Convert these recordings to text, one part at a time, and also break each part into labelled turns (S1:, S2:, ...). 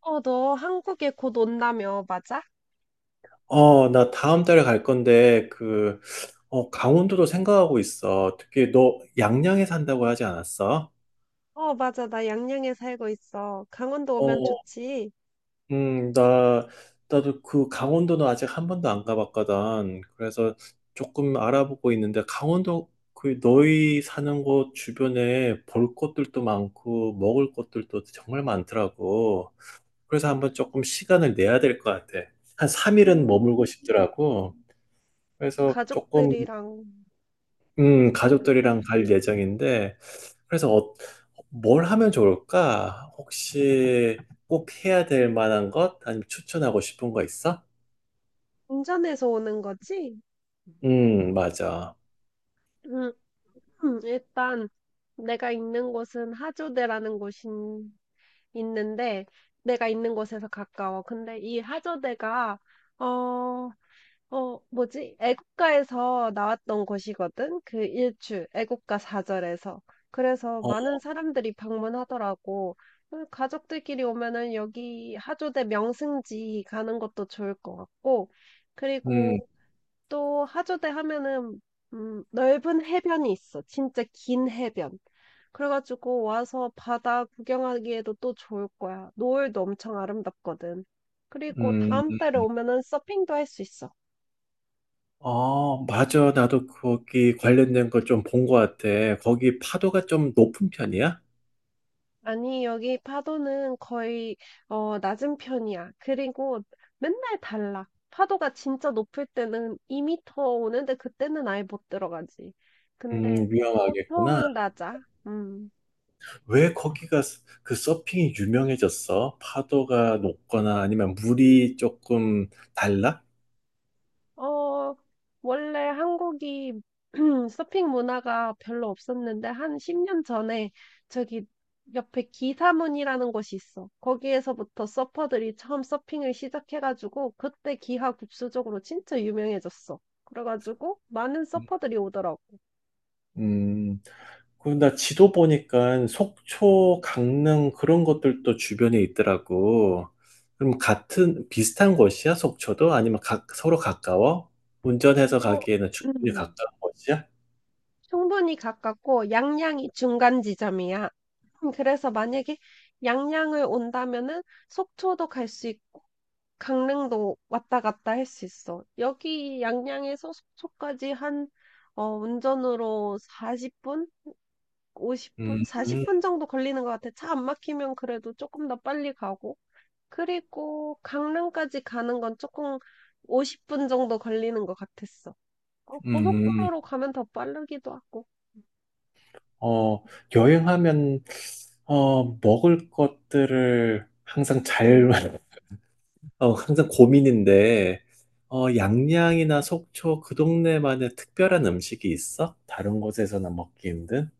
S1: 너 한국에 곧 온다며, 맞아?
S2: 나 다음 달에 갈 건데, 강원도도 생각하고 있어. 특히 너 양양에 산다고 하지 않았어?
S1: 어, 맞아. 나 양양에 살고 있어. 강원도 오면
S2: 어,
S1: 좋지.
S2: 음, 나, 나도 강원도는 아직 한 번도 안 가봤거든. 그래서 조금 알아보고 있는데, 강원도 너희 사는 곳 주변에 볼 것들도 많고, 먹을 것들도 정말 많더라고. 그래서 한번 조금 시간을 내야 될 것 같아. 한 3일은
S1: 음,
S2: 머물고 싶더라고. 그래서 조금
S1: 가족들이랑
S2: 가족들이랑
S1: 오는,
S2: 갈 예정인데, 그래서 뭘 하면 좋을까? 혹시 꼭 해야 될 만한 것? 아니면 추천하고 싶은 거 있어?
S1: 운전해서 오는 거지?
S2: 맞아.
S1: 음, 일단 내가 있는 곳은 하조대라는 곳이 있는데, 내가 있는 곳에서 가까워. 근데 이 하조대가, 어, 뭐지? 애국가에서 나왔던 곳이거든? 그 일출, 애국가 사절에서. 그래서
S2: 어,
S1: 많은 사람들이 방문하더라고. 그 가족들끼리 오면은 여기 하조대 명승지 가는 것도 좋을 것 같고,
S2: 음,
S1: 그리고 또 하조대 하면은, 넓은 해변이 있어. 진짜 긴 해변. 그래가지고 와서 바다 구경하기에도 또 좋을 거야. 노을도 엄청 아름답거든. 그리고
S2: 음,
S1: 다음 달에 오면은 서핑도 할 수 있어.
S2: 맞아. 나도 거기 관련된 걸 좀 본 것 같아. 거기 파도가 좀 높은 편이야?
S1: 아니, 여기 파도는 거의, 낮은 편이야. 그리고 맨날 달라. 파도가 진짜 높을 때는 2미터 오는데 그때는 아예 못 들어가지. 근데
S2: 위험하겠구나.
S1: 보통은 낮아. 음.
S2: 왜 거기가 서핑이 유명해졌어? 파도가 높거나 아니면 물이 조금 달라?
S1: 어, 원래 한국이 서핑 문화가 별로 없었는데, 한 10년 전에 저기 옆에 기사문이라는 곳이 있어. 거기에서부터 서퍼들이 처음 서핑을 시작해가지고, 그때 기하 급수적으로 진짜 유명해졌어. 그래가지고, 많은 서퍼들이 오더라고.
S2: 음. 그럼 나 지도 보니까 속초, 강릉 그런 것들도 주변에 있더라고. 그럼 같은 비슷한 곳이야, 속초도? 아니면 서로 가까워? 운전해서
S1: 어,
S2: 가기에는 충분히 가까운 곳이야?
S1: 충분히 가깝고 양양이 중간 지점이야. 그래서 만약에 양양을 온다면은 속초도 갈 수 있고 강릉도 왔다 갔다 할 수 있어. 여기 양양에서 속초까지 한 운전으로 40분, 50분,
S2: 음, 음,
S1: 40분 정도 걸리는 것 같아. 차 안 막히면 그래도 조금 더 빨리 가고. 그리고 강릉까지 가는 건 조금 50분 정도 걸리는 것 같았어.
S2: 음.
S1: 고속도로로 가면 더 빠르기도 하고.
S2: 어, 여행하면 먹을 것들을 항상
S1: 응.
S2: 잘, 항상 고민인데, 양양이나 속초 그 동네만의 특별한 음식이 있어? 다른 곳에서나 먹기 힘든?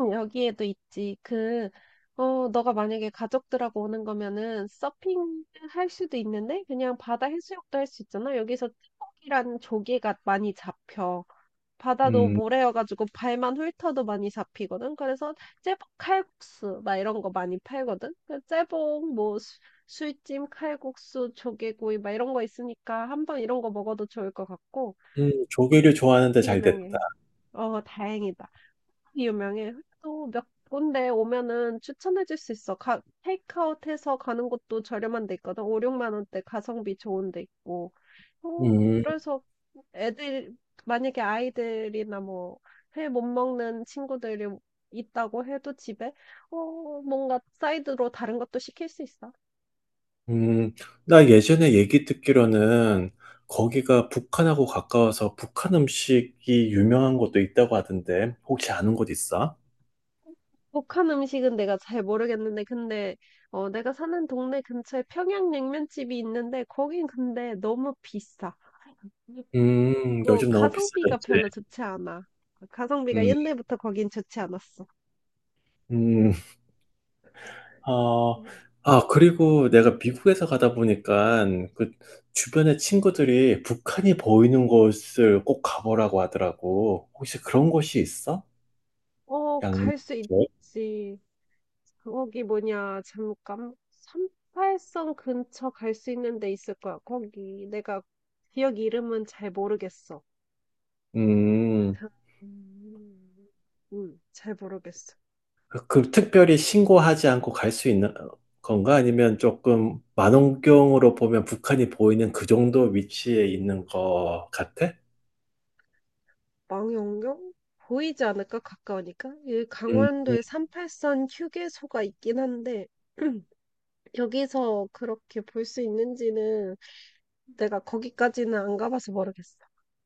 S1: 응, 여기에도 있지. 너가 만약에 가족들하고 오는 거면은 서핑 할 수도 있는데 그냥 바다 해수욕도 할 수 있잖아. 여기서 쭈꾸기라는 조개가 많이 잡혀. 바다도
S2: 음.
S1: 모래여가지고 발만 훑어도 많이 잡히거든. 그래서 제복 칼국수 막 이런 거 많이 팔거든. 그 제복 뭐 술찜 칼국수 조개구이 막 이런 거 있으니까 한번 이런 거 먹어도 좋을 것 같고
S2: 조개를 좋아하는데 잘 됐다.
S1: 유명해. 다행이다. 유명해. 또 몇 군데 오면은 추천해줄 수 있어. 테이크아웃 해서 가는 곳도 저렴한 데 있거든. 5, 6만 원대 가성비 좋은 데 있고.
S2: 음,
S1: 그래서 애들, 만약에 아이들이나 뭐, 회 못 먹는 친구들이 있다고 해도 집에, 뭔가 사이드로 다른 것도 시킬 수 있어.
S2: 음, 나 예전에 얘기 듣기로는 거기가 북한하고 가까워서 북한 음식이 유명한 곳도 있다고 하던데, 혹시 아는 곳 있어?
S1: 북한 음식은 내가 잘 모르겠는데, 근데, 내가 사는 동네 근처에 평양냉면집이 있는데, 거긴 근데 너무 비싸. 그
S2: 요즘 너무
S1: 가성비가
S2: 비싸졌지.
S1: 별로 좋지 않아. 가성비가
S2: 음,
S1: 옛날부터 거긴 좋지 않았어.
S2: 음,
S1: 응.
S2: 어, 그리고 내가 미국에서 가다 보니까 그 주변에 친구들이 북한이 보이는 곳을 꼭 가보라고 하더라고. 혹시 그런 곳이 있어? 양양?
S1: 갈 수
S2: 쪽?
S1: 있지. 거기 뭐냐, 잠깐. 삼팔선 근처 갈 수 있는 데 있을 거야. 거기 내가 지역 이름은 잘 모르겠어.
S2: 음.
S1: 음. 잘 모르겠어.
S2: 특별히 신고하지 않고 갈 수 있는 건가? 아니면 조금 망원경으로 보면 북한이 보이는 그 정도 위치에 있는 것 같아?
S1: 망원경? 보이지 않을까? 가까우니까? 이
S2: 음,
S1: 강원도에 38선 휴게소가 있긴 한데, 여기서 그렇게 볼 수 있는지는 내가 거기까지는 안 가봐서 모르겠어.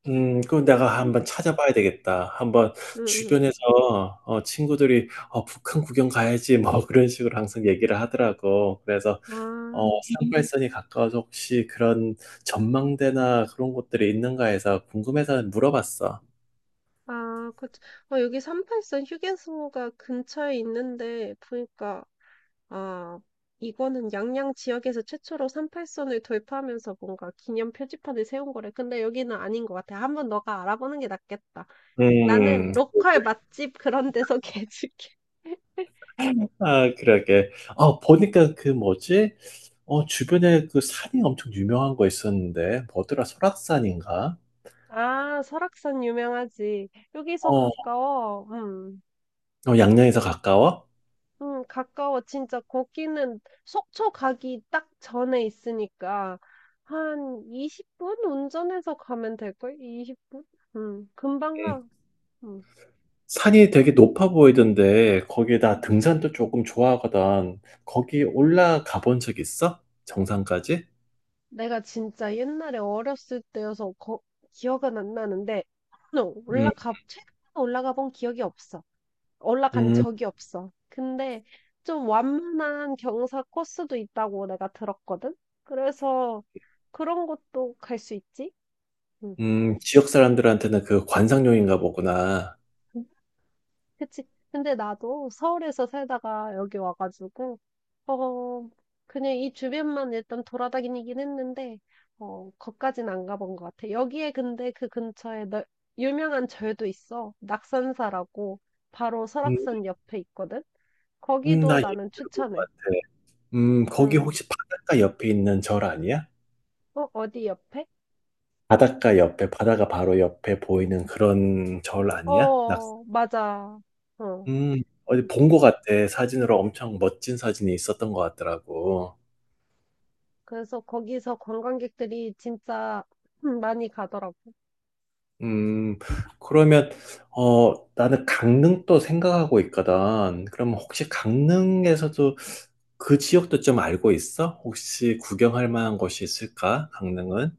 S2: 그럼 내가
S1: 응,
S2: 한번 찾아봐야 되겠다. 한번
S1: 응.
S2: 주변에서 친구들이 북한 구경 가야지 뭐 그런 식으로 항상 얘기를 하더라고. 그래서 어,
S1: 아,
S2: 상발선이 가까워서 혹시 그런 전망대나 그런 곳들이 있는가 해서 궁금해서 물어봤어.
S1: 아, 그치. 여기 3팔선 휴게소가 근처에 있는데, 보니까, 아, 이거는 양양 지역에서 최초로 3팔선을 도입하면서 뭔가 기념 표지판을 세운 거래. 근데 여기는 아닌 것 같아. 한번 너가 알아보는 게 낫겠다.
S2: 음,
S1: 나는 로컬 맛집 그런 데서 개줄게.
S2: 그러게. 아, 보니까 그 뭐지? 주변에 그 산이 엄청 유명한 거 있었는데, 뭐더라? 설악산인가?
S1: 아, 설악산 유명하지. 여기서
S2: 어, 어,
S1: 가까워. 음.
S2: 양양에서 가까워?
S1: 응, 가까워. 진짜 거기는 속초 가기 딱 전에 있으니까 한 20분 운전해서 가면 될걸? 20분? 응, 금방
S2: 응,
S1: 가. 응.
S2: 산이 되게 높아 보이던데, 거기에다 등산도 조금 좋아하거든. 거기 올라가 본 적 있어? 정상까지?
S1: 내가 진짜 옛날에 어렸을 때여서 기억은 안 나는데 응,
S2: 음,
S1: 올라가 최근에 올라가 본 기억이 없어. 올라간
S2: 음,
S1: 적이 없어. 근데 좀 완만한 경사 코스도 있다고 내가 들었거든. 그래서 그런 것도 갈 수 있지? 응.
S2: 지역 사람들한테는 그 관상용인가 보구나.
S1: 그치. 근데 나도 서울에서 살다가 여기 와가지고, 어, 그냥 이 주변만 일단 돌아다니긴 했는데, 거기까진 안 가본 것 같아. 여기에 근데 그 근처에 너, 유명한 절도 있어. 낙산사라고 바로
S2: 음,
S1: 설악산 옆에 있거든. 거기도
S2: 나 얘기
S1: 나는
S2: 들어본 것
S1: 추천해.
S2: 같아. 거기
S1: 응.
S2: 혹시 바닷가 옆에 있는 절 아니야?
S1: 어디 옆에?
S2: 바닷가 옆에, 바다가 바로 옆에 보이는 그런 절 아니야?
S1: 어, 맞아. 어.
S2: 어디
S1: 음.
S2: 본 것 같아. 사진으로 엄청 멋진 사진이 있었던 것 같더라고.
S1: 그래서 거기서 관광객들이 진짜 많이 가더라고.
S2: 음, 그러면, 나는 강릉도 생각하고 있거든. 그럼 혹시 강릉에서도 그 지역도 좀 알고 있어? 혹시 구경할 만한 곳이 있을까? 강릉은?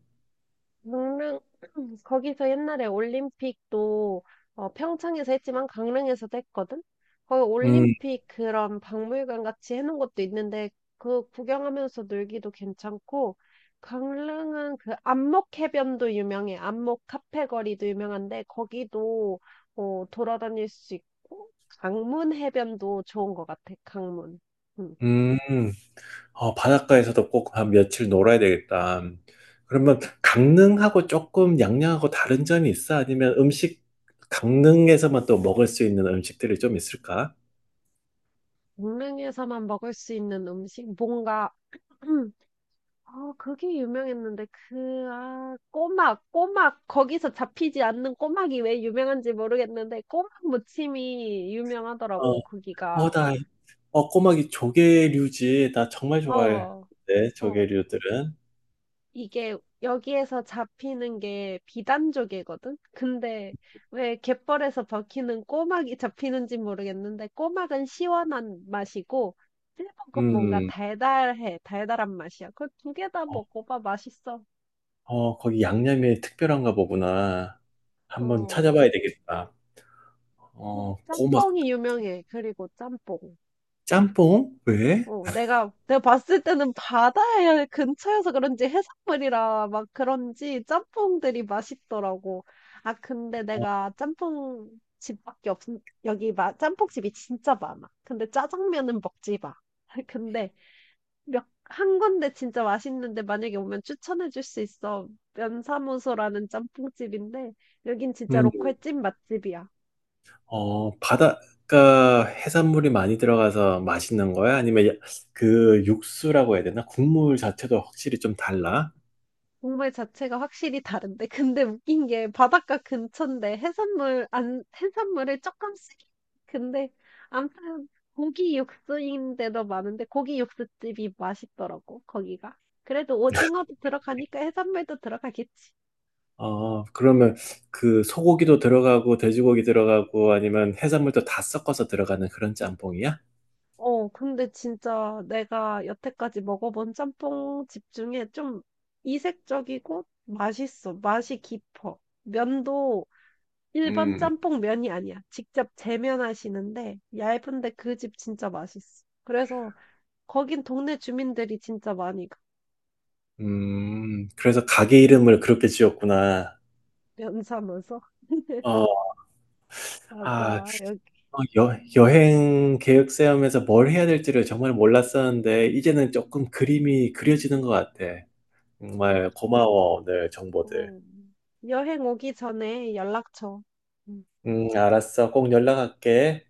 S1: 강릉, 거기서 옛날에 올림픽도 평창에서 했지만 강릉에서도 했거든? 거기
S2: 음,
S1: 올림픽 그런 박물관 같이 해놓은 것도 있는데 그 구경하면서 놀기도 괜찮고 강릉은 그 안목해변도 유명해. 안목 카페 거리도 유명한데 거기도 돌아다닐 수 있고 강문 해변도 좋은 것 같아. 강문. 음.
S2: 음. 바닷가에서도 꼭 한 며칠 놀아야 되겠다. 그러면 강릉하고 조금 양양하고 다른 점이 있어? 아니면 음식, 강릉에서만 또 먹을 수 있는 음식들이 좀 있을까?
S1: 강릉에서만 먹을 수 있는 음식 뭔가 그게 유명했는데, 아, 꼬막, 꼬막, 거기서 잡히지 않는 꼬막이 왜 유명한지 모르겠는데, 꼬막 무침이
S2: 어,
S1: 유명하더라고,
S2: 어,
S1: 거기가.
S2: 나, 꼬막이 조개류지. 나 정말 좋아해.
S1: 어,
S2: 네,
S1: 어,
S2: 조개류들은.
S1: 이게 여기에서 잡히는 게 비단족이거든? 근데 왜 갯벌에서 벗기는 꼬막이 잡히는지 모르겠는데, 꼬막은 시원한 맛이고, 찔볶은 뭔가
S2: 음,
S1: 달달해, 달달한 맛이야. 그 두 개다
S2: 어,
S1: 먹어봐, 맛있어.
S2: 거기 양념이 특별한가 보구나. 한번
S1: 어.
S2: 찾아봐야 되겠다. 어, 꼬막,
S1: 짬뽕이 유명해. 그리고 짬뽕.
S2: 짬뽕? 왜?
S1: 내가 봤을 때는 바다에 근처여서 그런지 해산물이라 막 그런지 짬뽕들이 맛있더라고. 아, 근데 내가 짬뽕 집밖에 없, 여기 짬뽕집이 진짜 많아. 근데 짜장면은 먹지 마. 근데 한 군데 진짜 맛있는데 만약에 오면 추천해 줄 수 있어. 면사무소라는 짬뽕집인데 여긴 진짜
S2: 어,
S1: 로컬 찐 맛집이야.
S2: 바닷가 해산물이 많이 들어가서 맛있는 거야? 아니면 육수라고 해야 되나? 국물 자체도 확실히 좀 달라?
S1: 정물 자체가 확실히 다른데. 근데 웃긴 게 바닷가 근처인데 해산물 안 해산물을 조금씩 근데 아무튼 고기 육수인데도 많은데 고기 육수집이 맛있더라고 거기가. 그래도 오징어도 들어가니까 해산물도 들어가겠지.
S2: 그러면 소고기도 들어가고 돼지고기 들어가고 아니면 해산물도 다 섞어서 들어가는 그런 짬뽕이야?
S1: 근데 진짜 내가 여태까지 먹어본 짬뽕 집 중에 좀 이색적이고 맛있어. 맛이 깊어. 면도 1번
S2: 음,
S1: 짬뽕 면이 아니야. 직접 재면하시는데 얇은데 그 집 진짜 맛있어. 그래서 거긴 동네 주민들이 진짜 많이 가.
S2: 그래서 가게 이름을 그렇게 지었구나.
S1: 면 사면서.
S2: 어. 아.
S1: 맞아. 여기.
S2: 어 여 여행 계획 세우면서 뭘 해야 될지를 정말 몰랐었는데 이제는 쪼끔 그림이 그려지는 것 같아. 정말 고마워, 오늘 정보들.
S1: 어. 여행 오기 전에 연락 줘. 음.
S2: 음, 알았어. 꼭 연락할게.